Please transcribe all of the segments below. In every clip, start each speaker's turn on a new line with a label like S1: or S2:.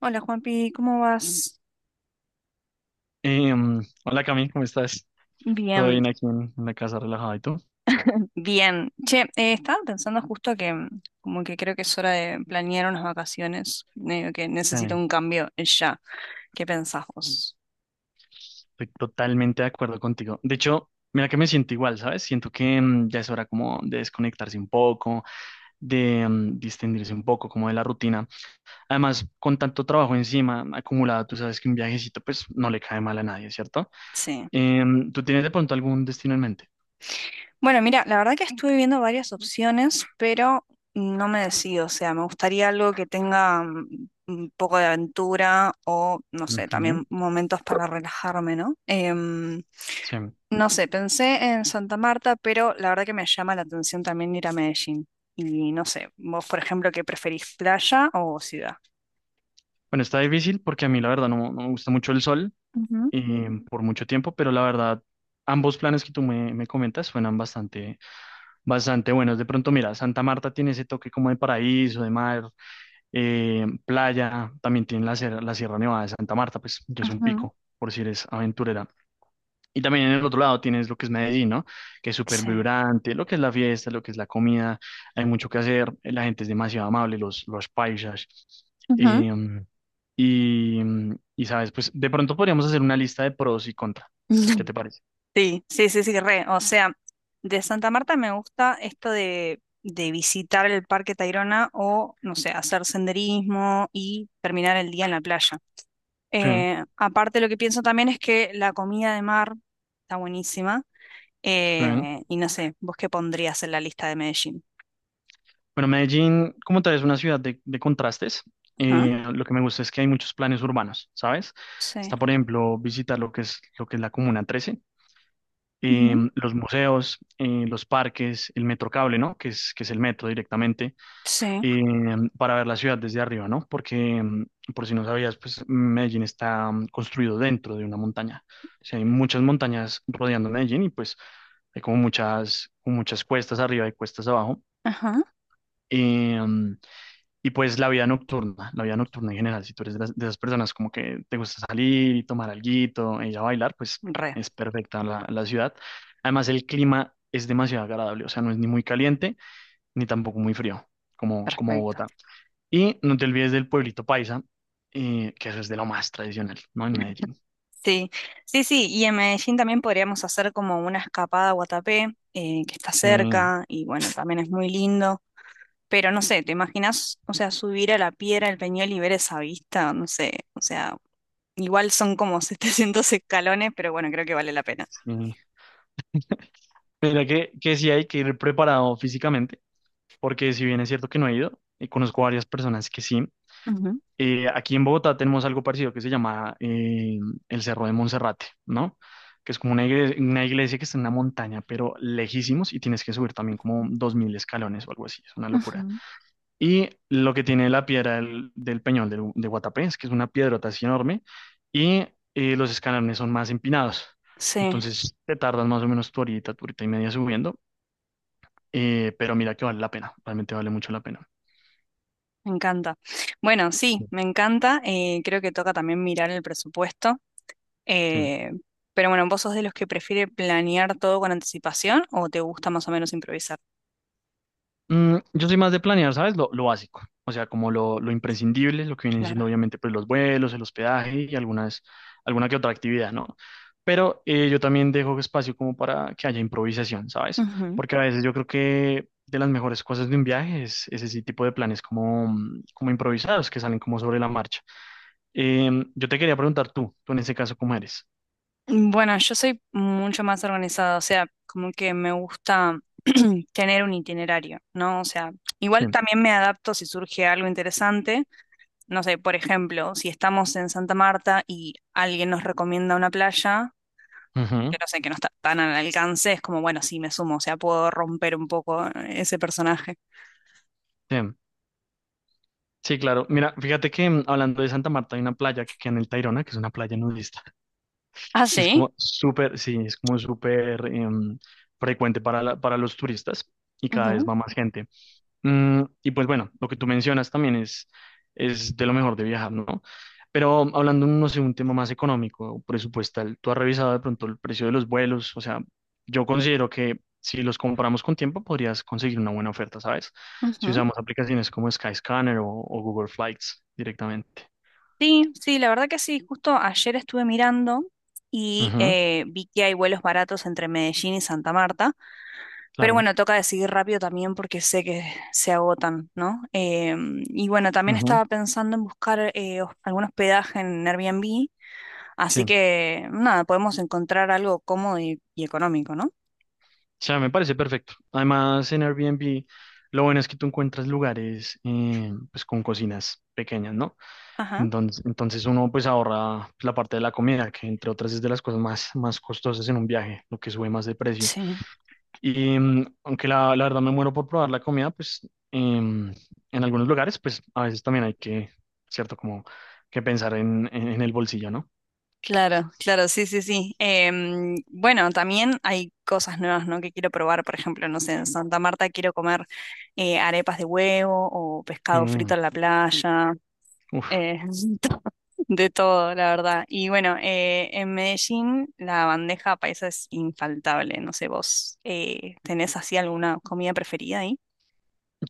S1: Hola Juanpi, ¿cómo vas?
S2: Hola Cami, ¿cómo estás? Todo
S1: Bien,
S2: bien aquí en la casa relajado, ¿y tú?
S1: bien. Che, estaba pensando justo que como que creo que es hora de planear unas vacaciones, medio que necesito
S2: Sí,
S1: un cambio ya. ¿Qué pensás vos?
S2: estoy totalmente de acuerdo contigo. De hecho, mira que me siento igual, ¿sabes? Siento que ya es hora como de desconectarse un poco, de distendirse un poco como de la rutina. Además, con tanto trabajo encima acumulado, tú sabes que un viajecito pues no le cae mal a nadie, ¿cierto?
S1: Sí.
S2: ¿Tú tienes de pronto algún destino en mente?
S1: Bueno, mira, la verdad que estuve viendo varias opciones, pero no me decido. O sea, me gustaría algo que tenga un poco de aventura o, no sé,
S2: Ujú,
S1: también momentos para relajarme, ¿no?
S2: sí.
S1: No sé, pensé en Santa Marta, pero la verdad que me llama la atención también ir a Medellín. Y no sé, vos, por ejemplo, ¿qué preferís, playa o ciudad?
S2: Bueno, está difícil porque a mí la verdad no me gusta mucho el sol,
S1: Ujú,
S2: por mucho tiempo, pero la verdad, ambos planes que tú me comentas suenan bastante buenos. De pronto, mira, Santa Marta tiene ese toque como de paraíso, de mar, playa, también tiene la Sierra Nevada de Santa Marta, pues, que es un
S1: ujú,
S2: pico, por si eres aventurera. Y también en el otro lado tienes lo que es Medellín, ¿no? Que es súper
S1: sí.
S2: vibrante, lo que es la fiesta, lo que es la comida, hay mucho que hacer, la gente es demasiado amable, los paisas.
S1: Ujú.
S2: em, y sabes, pues de pronto podríamos hacer una lista de pros y contra. ¿Qué te parece?
S1: Sí, sí, sí, sí, re. O sea, de Santa Marta me gusta esto de visitar el Parque Tayrona o, no sé, hacer senderismo y terminar el día en la playa.
S2: Sí,
S1: Aparte, lo que pienso también es que la comida de mar está buenísima.
S2: sí. Bueno,
S1: Y no sé, ¿vos qué pondrías en la lista de Medellín?
S2: Medellín, como tal, es una ciudad de contrastes.
S1: Ajá,
S2: Lo que me gusta es que hay muchos planes urbanos, ¿sabes?
S1: sí.
S2: Está, por ejemplo, visitar lo que es la Comuna 13,
S1: Ujú,
S2: los museos, los parques, el metro cable, ¿no? Que es el metro directamente.
S1: sí.
S2: Eh, para ver la ciudad desde arriba, ¿no? Porque, por si no sabías, pues Medellín está construido dentro de una montaña. O sea, hay muchas montañas rodeando Medellín y pues hay como muchas cuestas arriba y cuestas abajo.
S1: Ajá.
S2: Eh, mm, y pues la vida nocturna en general, si tú eres de, de esas personas como que te gusta salir y tomar alguito y ya bailar, pues
S1: Re,
S2: es perfecta la ciudad. Además, el clima es demasiado agradable, o sea, no es ni muy caliente ni tampoco muy frío, como
S1: perfecto.
S2: Bogotá. Y no te olvides del pueblito paisa, que eso es de lo más tradicional, ¿no? En Medellín.
S1: Sí, sí, sí. Y en Medellín también podríamos hacer como una escapada a Guatapé, que está
S2: Sí,
S1: cerca y bueno, también es muy lindo. Pero no sé, ¿te imaginas, o sea, subir a la piedra del Peñol y ver esa vista? No sé, o sea, igual son como 700 escalones, pero bueno, creo que vale la pena.
S2: sí. Mira que sí hay que ir preparado físicamente, porque si bien es cierto que no he ido, y conozco varias personas que sí.
S1: Ujú,
S2: Aquí en Bogotá tenemos algo parecido que se llama el Cerro de Monserrate, ¿no? Que es como una iglesia que está en una montaña, pero lejísimos, y tienes que subir también como 2000 escalones o algo así, es una locura.
S1: ujú,
S2: Y lo que tiene la piedra del Peñol de Guatapé es que es una piedrota así enorme y los escalones son más empinados.
S1: sí.
S2: Entonces te tardas más o menos tu horita y media subiendo, pero mira que vale la pena, realmente vale mucho la pena.
S1: Me encanta. Bueno, sí,
S2: Sí.
S1: me encanta. Eh, creo que toca también mirar el presupuesto.
S2: Sí.
S1: eh, pero bueno, ¿vos sos de los que prefiere planear todo con anticipación o te gusta más o menos improvisar?
S2: Yo soy más de planear, ¿sabes? Lo básico, o sea, como lo imprescindible, lo que vienen siendo
S1: Claro.
S2: obviamente pues los vuelos, el hospedaje y algunas, alguna que otra actividad, ¿no? Pero yo también dejo espacio como para que haya improvisación, ¿sabes?
S1: Ujú.
S2: Porque a veces yo creo que de las mejores cosas de un viaje es ese tipo de planes como, como improvisados que salen como sobre la marcha. Yo te quería preguntar tú en ese caso, ¿cómo eres?
S1: Bueno, yo soy mucho más organizada, o sea, como que me gusta tener un itinerario, ¿no? O sea,
S2: Sí.
S1: igual también me adapto si surge algo interesante. No sé, por ejemplo, si estamos en Santa Marta y alguien nos recomienda una playa que
S2: Ujú.
S1: no sé, que no está tan al alcance, es como, bueno, sí, me sumo. O sea, puedo romper un poco ese personaje.
S2: Sí. Sí, claro. Mira, fíjate que hablando de Santa Marta hay una playa que queda en el Tayrona, que es una playa nudista.
S1: Ah,
S2: Es
S1: sí.
S2: como súper, sí, es como súper frecuente para, para los turistas y cada vez
S1: Ujú,
S2: va más gente. Y pues bueno, lo que tú mencionas también es de lo mejor de viajar, ¿no? Pero hablando, no sé, un tema más económico, presupuestal, ¿tú has revisado de pronto el precio de los vuelos? O sea, yo considero que si los compramos con tiempo podrías conseguir una buena oferta, ¿sabes? Si
S1: ujú.
S2: usamos aplicaciones como Skyscanner o Google Flights directamente.
S1: Sí, sí, la verdad que sí, justo ayer estuve mirando y
S2: Ujú,
S1: vi que hay vuelos baratos entre Medellín y Santa Marta, pero
S2: claro.
S1: bueno, toca decidir rápido también porque sé que se agotan, ¿no? Y bueno, también
S2: Ujú,
S1: estaba pensando en buscar algún hospedaje en Airbnb, así
S2: sí.
S1: que nada, podemos encontrar algo cómodo y económico, ¿no?
S2: O sea, me parece perfecto. Además, en Airbnb, lo bueno es que tú encuentras lugares pues con cocinas pequeñas, ¿no?
S1: Ajá.
S2: Entonces uno pues ahorra pues, la parte de la comida, que entre otras es de las cosas más, más costosas en un viaje, lo que sube más de precio.
S1: Sí.
S2: Y aunque la verdad me muero por probar la comida, pues em, en algunos lugares, pues a veces también hay que, ¿cierto? Como que pensar en el bolsillo, ¿no?
S1: Claro, claro, sí, sí, sí. Em, bueno, también hay cosas nuevas, ¿no? Que quiero probar, por ejemplo, no sé, en Santa Marta quiero comer arepas de huevo o pescado frito
S2: Eh,
S1: en la playa,
S2: uf.
S1: eh, to- de todo, la verdad. Y bueno, en Medellín la bandeja paisa es infaltable. No sé, vos ¿tenés así alguna comida preferida ahí?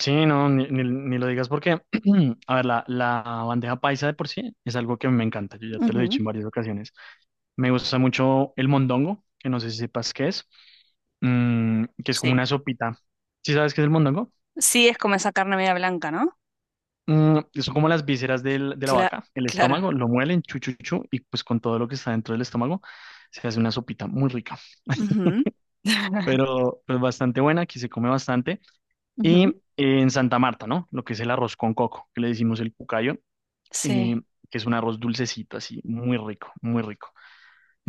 S2: Sí, no, ni lo digas porque, a ver, la bandeja paisa de por sí es algo que me encanta, yo ya te lo he
S1: Ujú.
S2: dicho en varias ocasiones. Me gusta mucho el mondongo, que no sé si sepas qué es, que es como
S1: Sí,
S2: una sopita. ¿Sí sabes qué es el mondongo?
S1: sí, es como esa carne media blanca, ¿no?
S2: Mm, son como las vísceras de la
S1: cla-
S2: vaca, el
S1: claro.
S2: estómago, lo muelen, chu, chu, chu, y pues con todo lo que está dentro del estómago se hace una sopita muy rica,
S1: Ujú.
S2: pero pues bastante buena, aquí se come bastante. Y
S1: Ujú.
S2: en Santa Marta, ¿no? Lo que es el arroz con coco, que le decimos el cucayo, eh,
S1: Sí.
S2: que es un arroz dulcecito, así, muy rico, muy rico.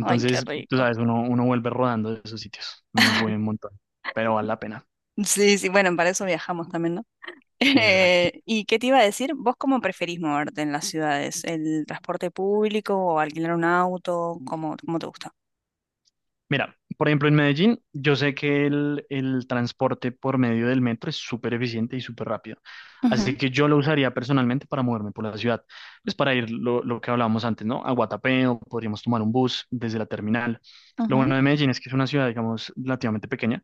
S1: Ay, qué
S2: tú
S1: rico.
S2: sabes, uno vuelve rodando de esos sitios, uno sube un montón, pero vale la pena.
S1: Sí, sí, bueno, para eso viajamos también, ¿no?
S2: Exacto.
S1: ¿Y qué te iba a decir? ¿Vos cómo preferís moverte en las ciudades? ¿El transporte público o alquilar un auto? ¿Cómo, cómo te gusta?
S2: Mira, por ejemplo, en Medellín, yo sé que el transporte por medio del metro es súper eficiente y súper rápido.
S1: Ujú,
S2: Así que yo lo usaría personalmente para moverme por la ciudad. Pues para ir lo que hablábamos antes, ¿no? A Guatapé o podríamos tomar un bus desde la terminal. Lo
S1: ujú,
S2: bueno de Medellín es que es una ciudad, digamos, relativamente pequeña.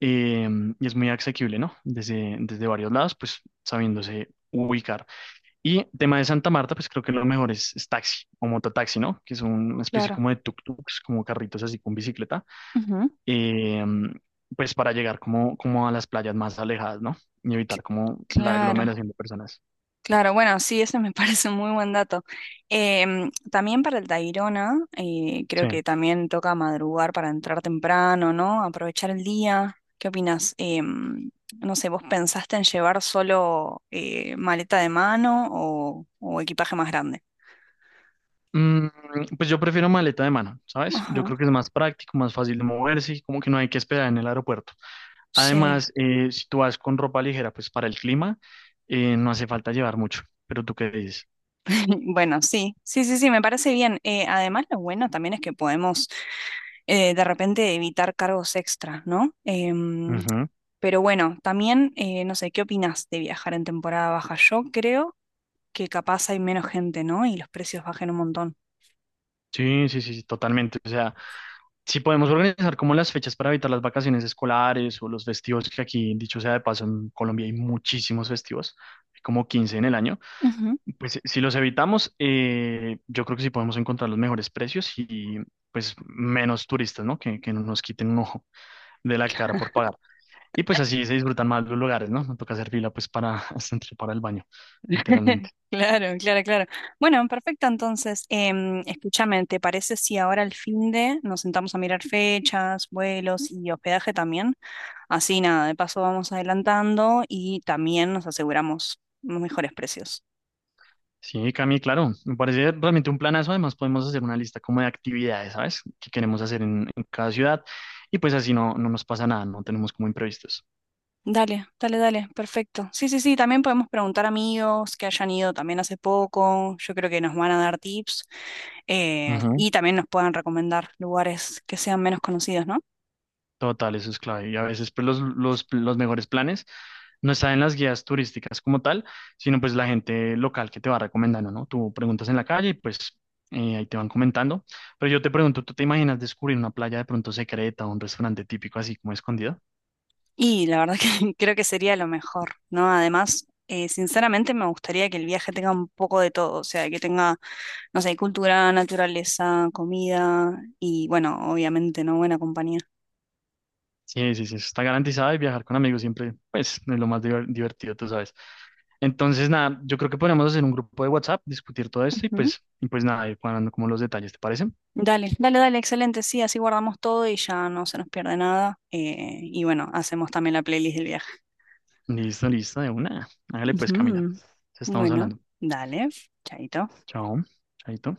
S2: eh, y es muy asequible, ¿no? Desde varios lados, pues sabiéndose ubicar. Y tema de Santa Marta, pues creo que lo mejor es taxi o mototaxi, ¿no? Que es una especie
S1: claro.
S2: como de tuk-tuks, como carritos así con bicicleta,
S1: Ujú,
S2: eh, pues para llegar como a las playas más alejadas, ¿no? Y evitar
S1: cl-
S2: como la
S1: claro.
S2: aglomeración de personas.
S1: Claro, bueno, sí, ese me parece un muy buen dato. Em, también para el Tayrona, creo
S2: Sí.
S1: que también toca madrugar para entrar temprano, ¿no? Aprovechar el día. ¿Qué opinas? No sé, ¿vos pensaste en llevar solo maleta de mano o equipaje más grande?
S2: Mm, pues yo prefiero maleta de mano, ¿sabes? Yo
S1: Ajá,
S2: creo que es más práctico, más fácil de moverse y como que no hay que esperar en el aeropuerto.
S1: sí.
S2: Además, si tú vas con ropa ligera, pues para el clima, no hace falta llevar mucho. Pero tú qué dices.
S1: Bueno, sí, sí, sí, sí, me parece bien. Además, lo bueno también es que podemos de repente evitar cargos extras, ¿no?
S2: Ujú.
S1: Pero bueno, también, no sé, ¿qué opinas de viajar en temporada baja? Yo creo que capaz hay menos gente, ¿no? Y los precios bajen un montón.
S2: Sí, sí, sí, sí, totalmente. O sea, si podemos organizar como las fechas para evitar las vacaciones escolares o los festivos, que aquí, dicho sea de paso, en Colombia hay muchísimos festivos, hay como 15 en el año,
S1: Ujú.
S2: pues si los evitamos, yo creo que sí podemos encontrar los mejores precios y pues menos turistas, ¿no? Que no nos quiten un ojo de la cara por pagar. Y pues así se disfrutan más los lugares, ¿no? No toca hacer fila pues para hasta entrar para el baño, literalmente.
S1: Claro, claro, claro. Bueno, perfecto. Entonces, em, escúchame, ¿te parece si ahora al fin de nos sentamos a mirar fechas, vuelos y hospedaje también? Así nada, de paso vamos adelantando y también nos aseguramos los mejores precios.
S2: Sí, Cami, claro, me parece realmente un planazo. Además, podemos hacer una lista como de actividades, ¿sabes? Que queremos hacer en cada ciudad. Y pues así no, no nos pasa nada, no tenemos como imprevistos.
S1: Dale, dale, dale, perfecto. Sí, sí, sí, también podemos preguntar a amigos que hayan ido también hace poco. Yo creo que nos van a dar tips y también nos puedan recomendar lugares que sean menos conocidos, ¿no?
S2: Total, eso es clave. Y a veces pues, los mejores planes no están en las guías turísticas como tal, sino pues la gente local que te va recomendando, ¿no? Tú preguntas en la calle y pues ahí te van comentando. Pero yo te pregunto, ¿tú te imaginas descubrir una playa de pronto secreta o un restaurante típico así como escondido?
S1: Y la verdad que creo que sería lo mejor, ¿no? Además, sinceramente me gustaría que el viaje tenga un poco de todo, o sea, que tenga, no sé, cultura, naturaleza, comida y, bueno, obviamente, ¿no? Buena compañía.
S2: Sí, sí, sí, eso está garantizado y viajar con amigos siempre pues es lo más divertido, tú sabes. Entonces, nada, yo creo que podríamos hacer un grupo de WhatsApp, discutir todo esto y pues nada, ir cuadrando como los detalles, ¿te parece?
S1: Dale, dale, dale, excelente. Sí, así guardamos todo y ya no se nos pierde nada. Eh, y bueno, hacemos también la playlist del viaje.
S2: Listo, listo, de una. Hágale pues, Camila.
S1: Ujú.
S2: Entonces estamos
S1: Bueno,
S2: hablando.
S1: dale, chaito.
S2: Chao. Chaito.